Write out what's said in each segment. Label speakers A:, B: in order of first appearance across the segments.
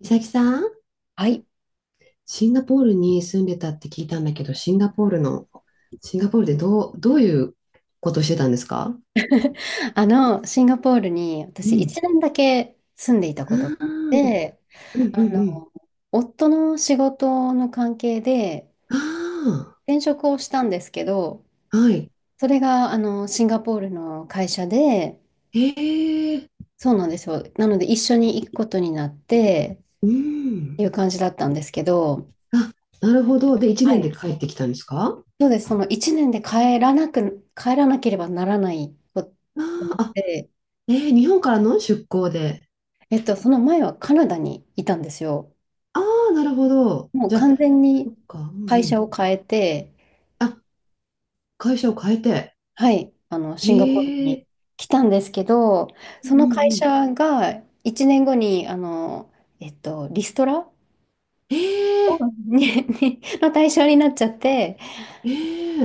A: 美咲さん、
B: はい。
A: シンガポールに住んでたって聞いたんだけど、シンガポールでどういうことしてたんですか？
B: シンガポールに
A: う
B: 私1
A: ん。
B: 年だけ住んでいた
A: あ
B: ことがあっ
A: ー
B: て、
A: うんう
B: あの、
A: ん
B: 夫の仕事の関係で
A: うん。あ
B: 転職をしたんですけど、
A: あ、はい。
B: それが、シンガポールの会社で、
A: へえ、
B: そうなんですよ。なので一緒に行くことになって
A: う
B: って
A: ん。
B: いう感じだったんですけど、
A: あ、なるほど。で、1
B: は
A: 年
B: い。
A: で帰ってきたんですか？
B: そうです。その1年で帰らなく、帰らなければならないこと
A: あ
B: になっ
A: ーあ、
B: て、
A: えー日本からの出向で。
B: その前はカナダにいたんですよ。
A: ああ、なるほど。
B: もう
A: じゃあ、
B: 完全
A: そ
B: に
A: っか、うん
B: 会
A: う
B: 社
A: ん。
B: を変えて、
A: あ、会社を変えて。
B: はい、シンガポール
A: へ
B: に
A: え、
B: 来たんですけど、
A: う
B: そ
A: んう
B: の
A: ん
B: 会
A: うん。
B: 社が1年後に、リストラ
A: え
B: を
A: え、
B: ににの対象になっちゃって、
A: え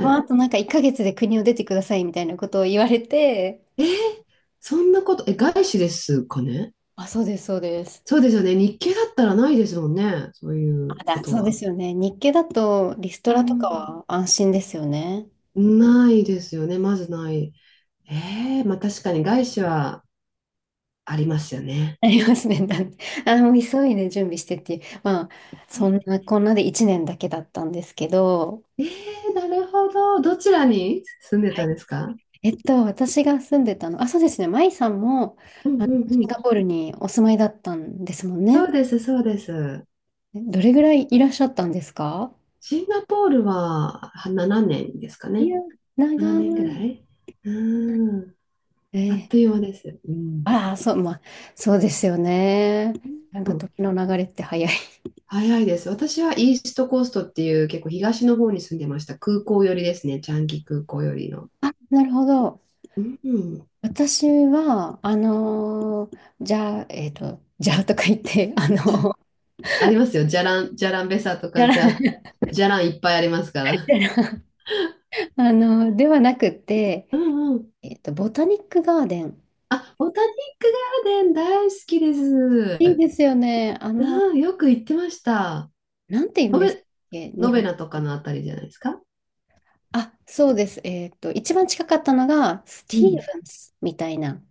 B: まあ、あとなんか1ヶ月で国を出てくださいみたいなことを言われて、
A: えーそんなこと、え、外資ですかね？
B: あ、そうです、そうです。
A: そうですよね。日系だったらないですもんね。そういう
B: あ、
A: こと
B: そうで
A: は。
B: すよね。日系だとリスト
A: う
B: ラとか
A: ん。
B: は安心ですよね。
A: ないですよね。まずない。えー、まあ確かに外資はありますよね。
B: ありますね。だって、あ、もう急いで準備してっていう。まあ、そん
A: え
B: なこんなで1年だけだったんですけど、
A: ー、なるほど。どちらに住んでたんですか？
B: 私が住んでたの、あ、そうですね、舞さんも
A: うんうん
B: シ
A: う
B: ン
A: ん。
B: ガポールにお住まいだったんですもん
A: そ
B: ね。
A: うです、そうです。
B: どれぐらいいらっしゃったんですか？
A: シンガポールはは年ですか
B: い
A: ね。
B: や、
A: 7年ぐ
B: 長
A: ら
B: い。
A: い。うん。あっ
B: え
A: とい
B: え、
A: う間です。うん。
B: ああ、そう、まあ、そうですよね。なんか時の流れって早い。
A: 早いです。私はイーストコーストっていう結構東の方に住んでました。空港寄りですね。チャンギ空港寄りの。
B: あ、なるほど。
A: うん。
B: 私は、じゃあ、じゃあとか言って、
A: じゃ、
B: ー
A: ありますよ。じゃらん、じゃらんべさと
B: じゃ
A: か、
B: ら
A: じゃ、じゃらんいっぱいありますから。
B: たら ではなくて、
A: うんうん。
B: ボタニックガーデン。
A: あ、ボタニックガーデン大好きです。
B: いいですよね。
A: うん、よく行ってました。
B: なんて言うん
A: ノ
B: ですっ
A: ベ、
B: け、
A: ノ
B: 日
A: ベ
B: 本。
A: ナとかのあたりじゃないですか。
B: あ、そうです。一番近かったのが、ステ
A: う
B: ィー
A: ん。
B: ブンスみたいな、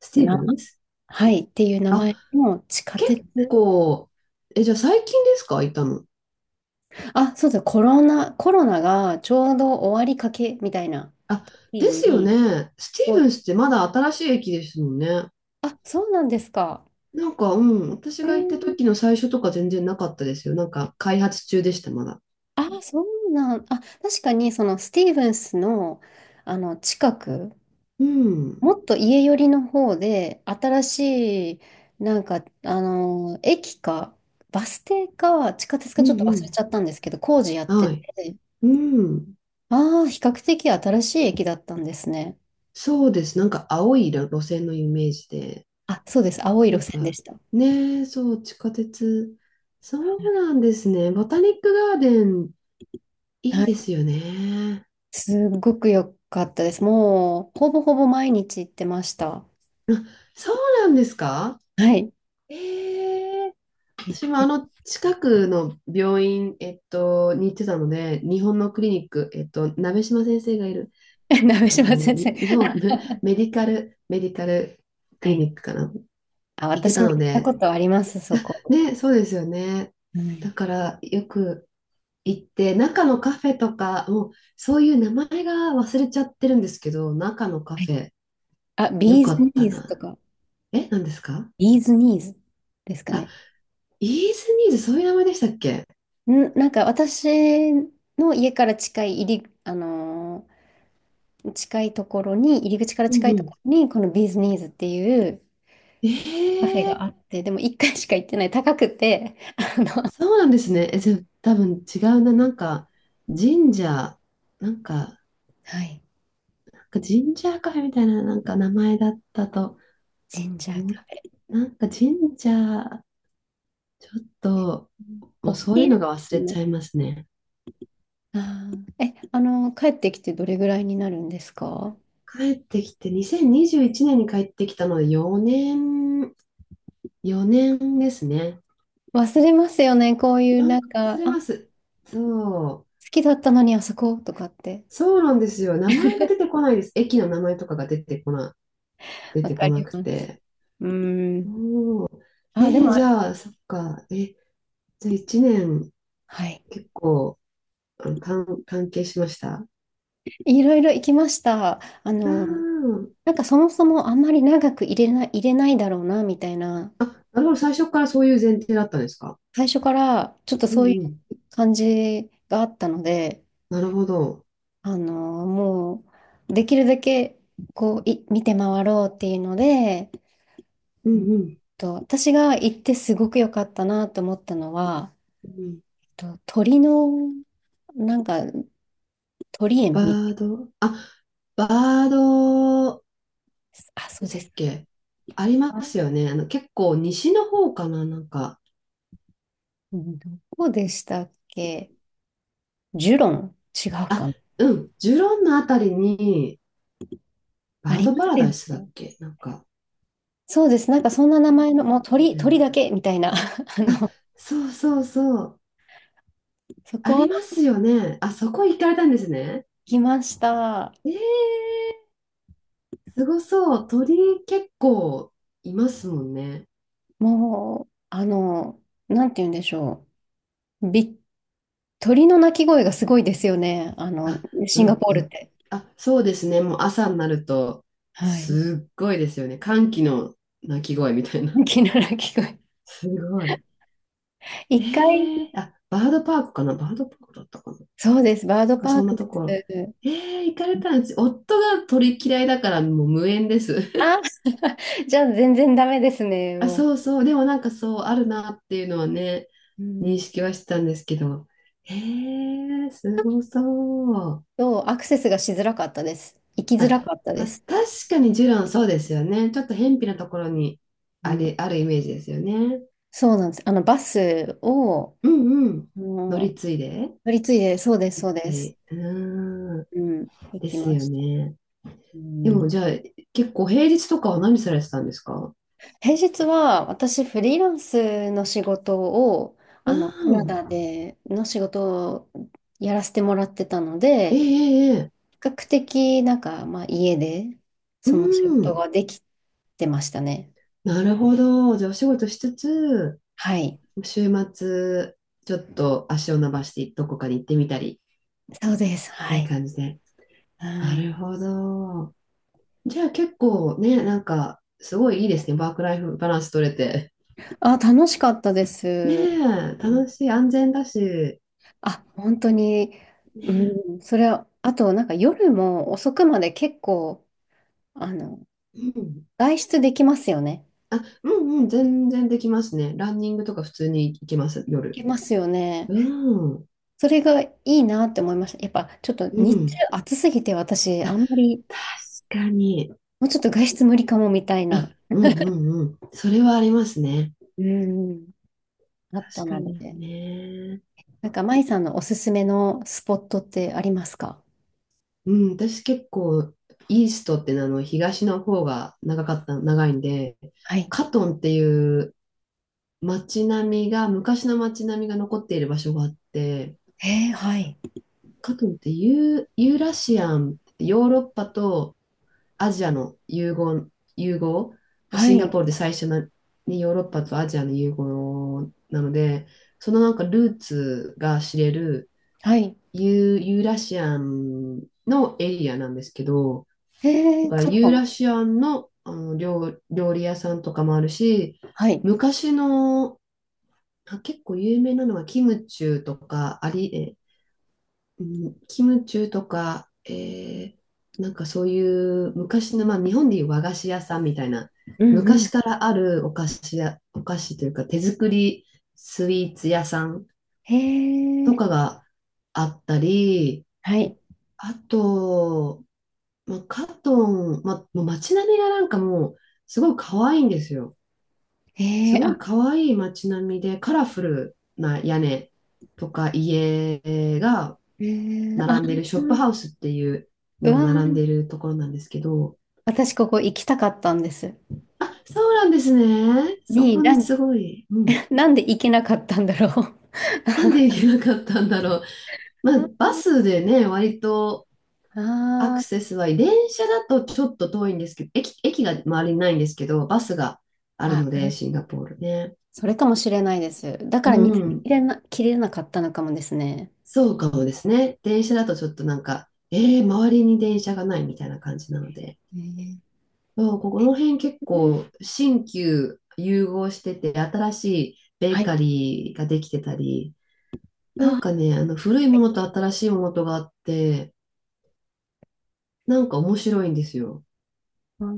A: スティーブ
B: な、
A: ンス。
B: はい、っていう名
A: あ、
B: 前の地下鉄。
A: 結構、え、じゃあ最近ですか行ったの？
B: あ、そうだ、コロナがちょうど終わりかけみたいな
A: あ、で
B: 日
A: すよ
B: に、
A: ね。ステ
B: こ
A: ィーブン
B: う、
A: スってまだ新しい駅ですもんね。
B: あ、そうなんですか。
A: なんか、うん、私
B: へー、
A: が行った時の最初とか全然なかったですよ。なんか、開発中でした、まだ。
B: あ、そうなん、あ、確かにそのスティーブンスの、あの近く
A: うん、うん、
B: もっと家寄りの方で、新しい、なんか、駅か、バス停か、地下鉄か
A: う
B: ちょっと忘れ
A: ん。
B: ちゃったんですけど、工事やって
A: はい。
B: て、
A: うん。
B: ああ、比較的新しい駅だったんですね。
A: そうです。なんか、青い路線のイメージで。
B: あ、そうです。青い
A: な
B: 路
A: ん
B: 線で
A: か、
B: した。
A: ねえ、そう、地下鉄。そうなんですね。ボタニックガーデン、い
B: は
A: いで
B: い。
A: すよね。
B: すごく良かったです。もう、ほぼほぼ毎日行ってました。
A: そうなんですか？
B: はい。
A: ええ、
B: 行っ
A: 私も
B: て
A: あの
B: て
A: 近くの病院、に行ってたので、日本のクリニック、鍋島先生がいる、
B: 鍋
A: あ
B: 島
A: の、
B: 先生。
A: に日本
B: あ、
A: メ メディカル、メディカルク
B: は
A: リ
B: い。
A: ニックかな、
B: あ、
A: 行って
B: 私
A: た
B: も
A: の
B: 行ったこ
A: で、
B: とあります、そこ。
A: ね、そうですよね。
B: はい。
A: だからよく行って、中のカフェとか、もうそういう名前が忘れちゃってるんですけど、中のカ
B: はい。
A: フェ、
B: あ、
A: よ
B: ビー
A: か
B: ズニ
A: った
B: ーズと
A: な。
B: か。
A: え、何ですか？
B: ビーズニーズですか
A: あ、
B: ね。
A: イーズニーズ、そういう名前でしたっけ？
B: ん、なんか私の家から近い入り、近いところに、入り口から
A: う
B: 近
A: ん
B: い
A: う
B: とこ
A: ん。
B: ろに、このビーズニーズっていうカフェ
A: えー
B: があって、でも一回しか行ってない、高くて、あの、
A: そうなんですね。え、じゃあ、多分違うな。なんか、神社、なんか、
B: はい、
A: なんか神社カフェみたいな、なんか名前だったと
B: ジンジャーカ
A: 思っ、
B: フ
A: なんか神社、ちょっと、
B: ェ。
A: もう
B: 大
A: そう
B: き
A: い
B: い
A: うの
B: で
A: が忘
B: す
A: れち
B: ね。
A: ゃいますね。
B: あー、え、帰ってきてどれぐらいになるんですか？
A: 帰ってきて、2021年にじゅういちねんに帰ってきたので4年、4年ですね。
B: 忘れますよね、こういう
A: な
B: な
A: ん
B: ん
A: か忘
B: か、
A: れ
B: あ、
A: ま
B: 好
A: す。そう。
B: きだったのにあそことかって。
A: そうなんですよ。名前が出てこないです。駅の名前とかが出てこな、出
B: わ
A: て
B: か
A: こな
B: り
A: く
B: ます。
A: て。
B: うーん。
A: おー
B: あ、で
A: えー
B: も、
A: じゃあ、そっか。え、じゃあ1年
B: はい。
A: 結構あの関関係しました。あ
B: いろいろ行きました。
A: ー
B: なんかそもそもあんまり長く入れないだろうな、みたいな、
A: あ、なるほど。最初からそういう前提だったんですか。
B: 最初からちょっと
A: う
B: そうい
A: んうん。
B: う感じがあったので、
A: なるほど。
B: もう、できるだけ、こう、見て回ろうっていうので、えっ
A: うんうん。
B: 私が行ってすごく良かったなと思ったのは、
A: うん、
B: 鳥の、なんか、鳥園
A: バ
B: み、
A: ード、あ、バード、
B: あ、そ
A: で
B: う
A: した
B: で
A: っ
B: すか。
A: け？ありますよね。あの、結構西の方かな、なんか。
B: うん、どこでしたっけ？ジュロン違う
A: あ、
B: かな？
A: うん。ジュロンのあたりに、バ
B: あ
A: ー
B: りま
A: ドパ
B: す
A: ラ
B: よ
A: ダイスだっ
B: ね。
A: け、なんか。
B: そうです。なんかそんな名前の、もう鳥、
A: う
B: 鳥
A: ん、
B: だけみたいな。
A: あ、そうそうそう。
B: そ
A: あ
B: こは
A: りますよね。あ、そこ行かれたんですね。
B: 来ました。
A: えー、すごそう。鳥結構いますもんね。
B: もう、なんて言うんでしょう。鳥の鳴き声がすごいですよね。
A: あ、う
B: シンガ
A: ん
B: ポー
A: う
B: ルっ
A: ん。
B: て。
A: あ、そうですね。もう朝になると、
B: はい。
A: すっごいですよね。歓喜の鳴き声みたいな。
B: 鳥の鳴き声。
A: すごい。
B: 一
A: え
B: 回、
A: ー、あ、バードパークかな、バードパークだったかな、
B: そうです。バー
A: な
B: ド
A: んか
B: パー
A: そんな
B: ク
A: ところ。
B: です。
A: えー、行かれたんです。夫が鳥嫌いだからもう無縁です。
B: あ、じゃあ全然ダメですね。
A: あ、
B: も
A: そうそう。でもなんかそうあるなっていうのはね。
B: う。う
A: 認
B: ん。
A: 識はしてたんですけど、へえ、すごそう。
B: そう、アクセスがしづらかったです。行きづ
A: あ、
B: らかったで
A: まあ、
B: す。
A: 確かにジュランそうですよね。ちょっと偏僻なところに
B: う
A: あ
B: ん。
A: れ、あるイメージですよね。
B: そうなんです。バスを、
A: うんうん。
B: あ
A: 乗
B: の
A: り継いで、やっ
B: 乗り継いで、そうです、そう
A: ぱ
B: です。
A: り。うーん。
B: うん、行
A: で
B: き
A: す
B: ま
A: よ
B: した。
A: ね。
B: うん、
A: でもじゃあ、結構平日とかは何されてたんですか？
B: 平日は私、フリーランスの仕事を、
A: う
B: カナ
A: ん。
B: ダでの仕事をやらせてもらってたの
A: ええ
B: で、
A: ええ。ええ、
B: 比較的、なんか、まあ、家で、
A: う
B: その仕事
A: ん。
B: ができてましたね。
A: なるほど。じゃあ、お仕事しつつ、
B: はい。
A: 週末、ちょっと足を伸ばしてどこかに行ってみたり
B: そうで
A: っ
B: す。
A: て
B: は
A: いう
B: い。
A: 感じで。
B: は
A: な
B: い。
A: るほど。じゃあ結構ね、なんか、すごいいいですね。ワークライフバランス取れて。
B: あ、楽しかったで
A: ね
B: す。
A: え、楽しい、安全だし。
B: あ、本当に、う
A: ね
B: ん、それは、あと、なんか夜も遅くまで結構、あの、
A: え、うん。
B: 外出できますよね。
A: あ、うんうん、全然できますね。ランニングとか普通に行けます、
B: で
A: 夜。
B: きますよね。
A: うん、
B: それがいいなって思いました。やっぱちょっと
A: う
B: 日中
A: ん。
B: 暑すぎて私、あんまり、
A: 確かに。
B: もうちょっと外出無理かもみたいな、
A: うんうんうん。それはありますね。
B: うん、あっ
A: 確
B: た
A: か
B: の
A: に
B: で。
A: ね。
B: なんか、舞さんのおすすめのスポットってありますか？
A: うん、私結構、イーストっていうのはあの東の方が長かった、長いんで、
B: はい。
A: カトンっていう街並みが、昔の街並みが残っている場所があって、
B: えー、はい。
A: かといってユー、ユーラシアン、ヨーロッパとアジアの融合、融合、
B: は
A: シンガ
B: い。
A: ポールで最初の、ね、ヨーロッパとアジアの融合なので、そのなんかルーツが知れる
B: はい。
A: ユー、ユーラシアンのエリアなんですけど、
B: え
A: だ
B: ー、
A: から
B: カット
A: ユー
B: ン。
A: ラシアンの、あの料、料理屋さんとかもあるし、
B: はい。
A: 昔のあ結構有名なのはキムチューとか、あり、え、うん、キムチューとか、えーなんかそういう昔の、まあ、日本でいう和菓子屋さんみたいな、
B: うんう
A: 昔
B: ん。
A: からあるお菓子や、お菓子というか手作りスイーツ屋さん
B: え
A: と
B: ー、
A: かがあったり、
B: はい。
A: あと、まあ、カトン、まあ、もう街並みがなんかもうすごい可愛いんですよ。
B: え
A: す
B: ー、
A: ごい
B: あ、
A: 可愛い街並みでカラフルな屋根とか家が
B: えー、あ、
A: 並んでるショップハウスっていう
B: う
A: のが
B: わ
A: 並ん
B: ー、
A: でるところなんですけど、
B: 私ここ行きたかったんです。
A: あ、そうなんですね。そ
B: に、
A: こね、
B: なん
A: すごい。うん。
B: なんで行けなかったんだろう。
A: なんで行けなかったんだろう。まあ、バスでね、割とア
B: あ
A: ク
B: あ、
A: セスはいい。電車だとちょっと遠いんですけど、駅が周りにないんですけど、バスがある
B: あ、
A: の
B: そ
A: で、
B: れ、
A: シンガポールね。
B: それかもしれないです。だか
A: う
B: ら見つ
A: ん。
B: けれな、切れなかったのかもですね。
A: そうかもですね。電車だとちょっとなんか、えー、周りに電車がないみたいな感じなので、
B: えー、
A: そうここの辺結構新旧融合してて、新しいベ
B: は
A: ー
B: い。
A: カリーができてたり、なん
B: わ、
A: かね、あの古いものと新しいものとがあって、なんか面白いんですよ。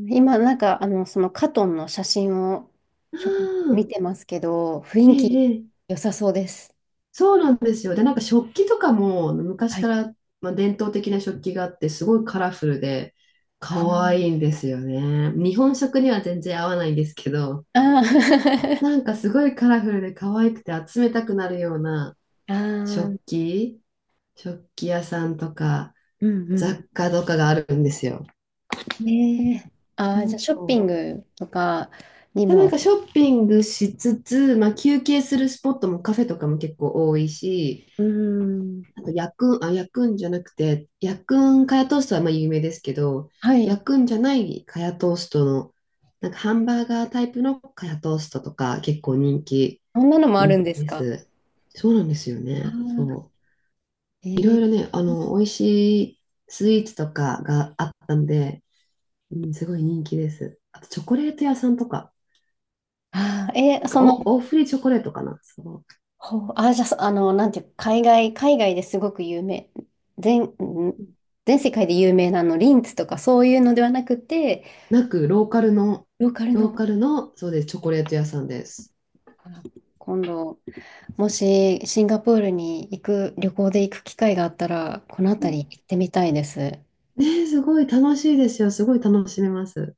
B: 今、なんか、そのカトンの写真を
A: あ
B: ちょこっと見
A: あ、
B: てますけど、
A: え
B: 雰囲気
A: えええ、
B: 良さそうです。
A: そうなんですよ。で、なんか食器とかも昔
B: はい。
A: から、まあ、伝統的な食器があって、すごいカラフルで可
B: あー
A: 愛いんですよね。日本食には全然合わないんですけど、
B: あー
A: なんかすごいカラフルで可愛くて集めたくなるような
B: あー、
A: 食器、食器屋さんとか
B: うんうん
A: 雑
B: う
A: 貨
B: ん。
A: とかがあるんですよ。
B: ねえ。あ
A: う
B: あ、じゃあショッピ
A: ん、
B: ングとかに
A: で、なん
B: も。
A: かショッピングしつつ、まあ、休憩するスポットもカフェとかも結構多いし、
B: うーん。
A: あと、ヤクン、あ、ヤクンじゃなくて、ヤクンカヤトーストはまあ有名ですけど、
B: はい。
A: ヤクンじゃないカヤトーストの、なんかハンバーガータイプのカヤトーストとか結構人気、
B: こんなのもある
A: 人
B: んで
A: 気
B: す
A: で
B: か？
A: す。そうなんですよ
B: ああ、
A: ね。そ
B: え
A: う。いろいろ
B: ー、
A: ね、あの、美味しいスイーツとかがあったんで、うん、すごい人気です。あと、チョコレート屋さんとか、
B: あーえ
A: な
B: ー、
A: ん
B: そ
A: か
B: の、
A: お、大振りチョコレートかな。そ
B: ほう、あー、じゃあ、そあの、なんていうか、海外ですごく有名、全、ん全世界で有名なリンツとかそういうのではなくて、
A: う。なく、ローカルの、
B: ローカル
A: ロー
B: の、
A: カルの、そうです、チョコレート屋さんです。
B: あー、今度、もしシンガポールに行く、旅行で行く機会があったら、この辺り行ってみたいです。
A: ねえ、すごい楽しいですよ。すごい楽しめます。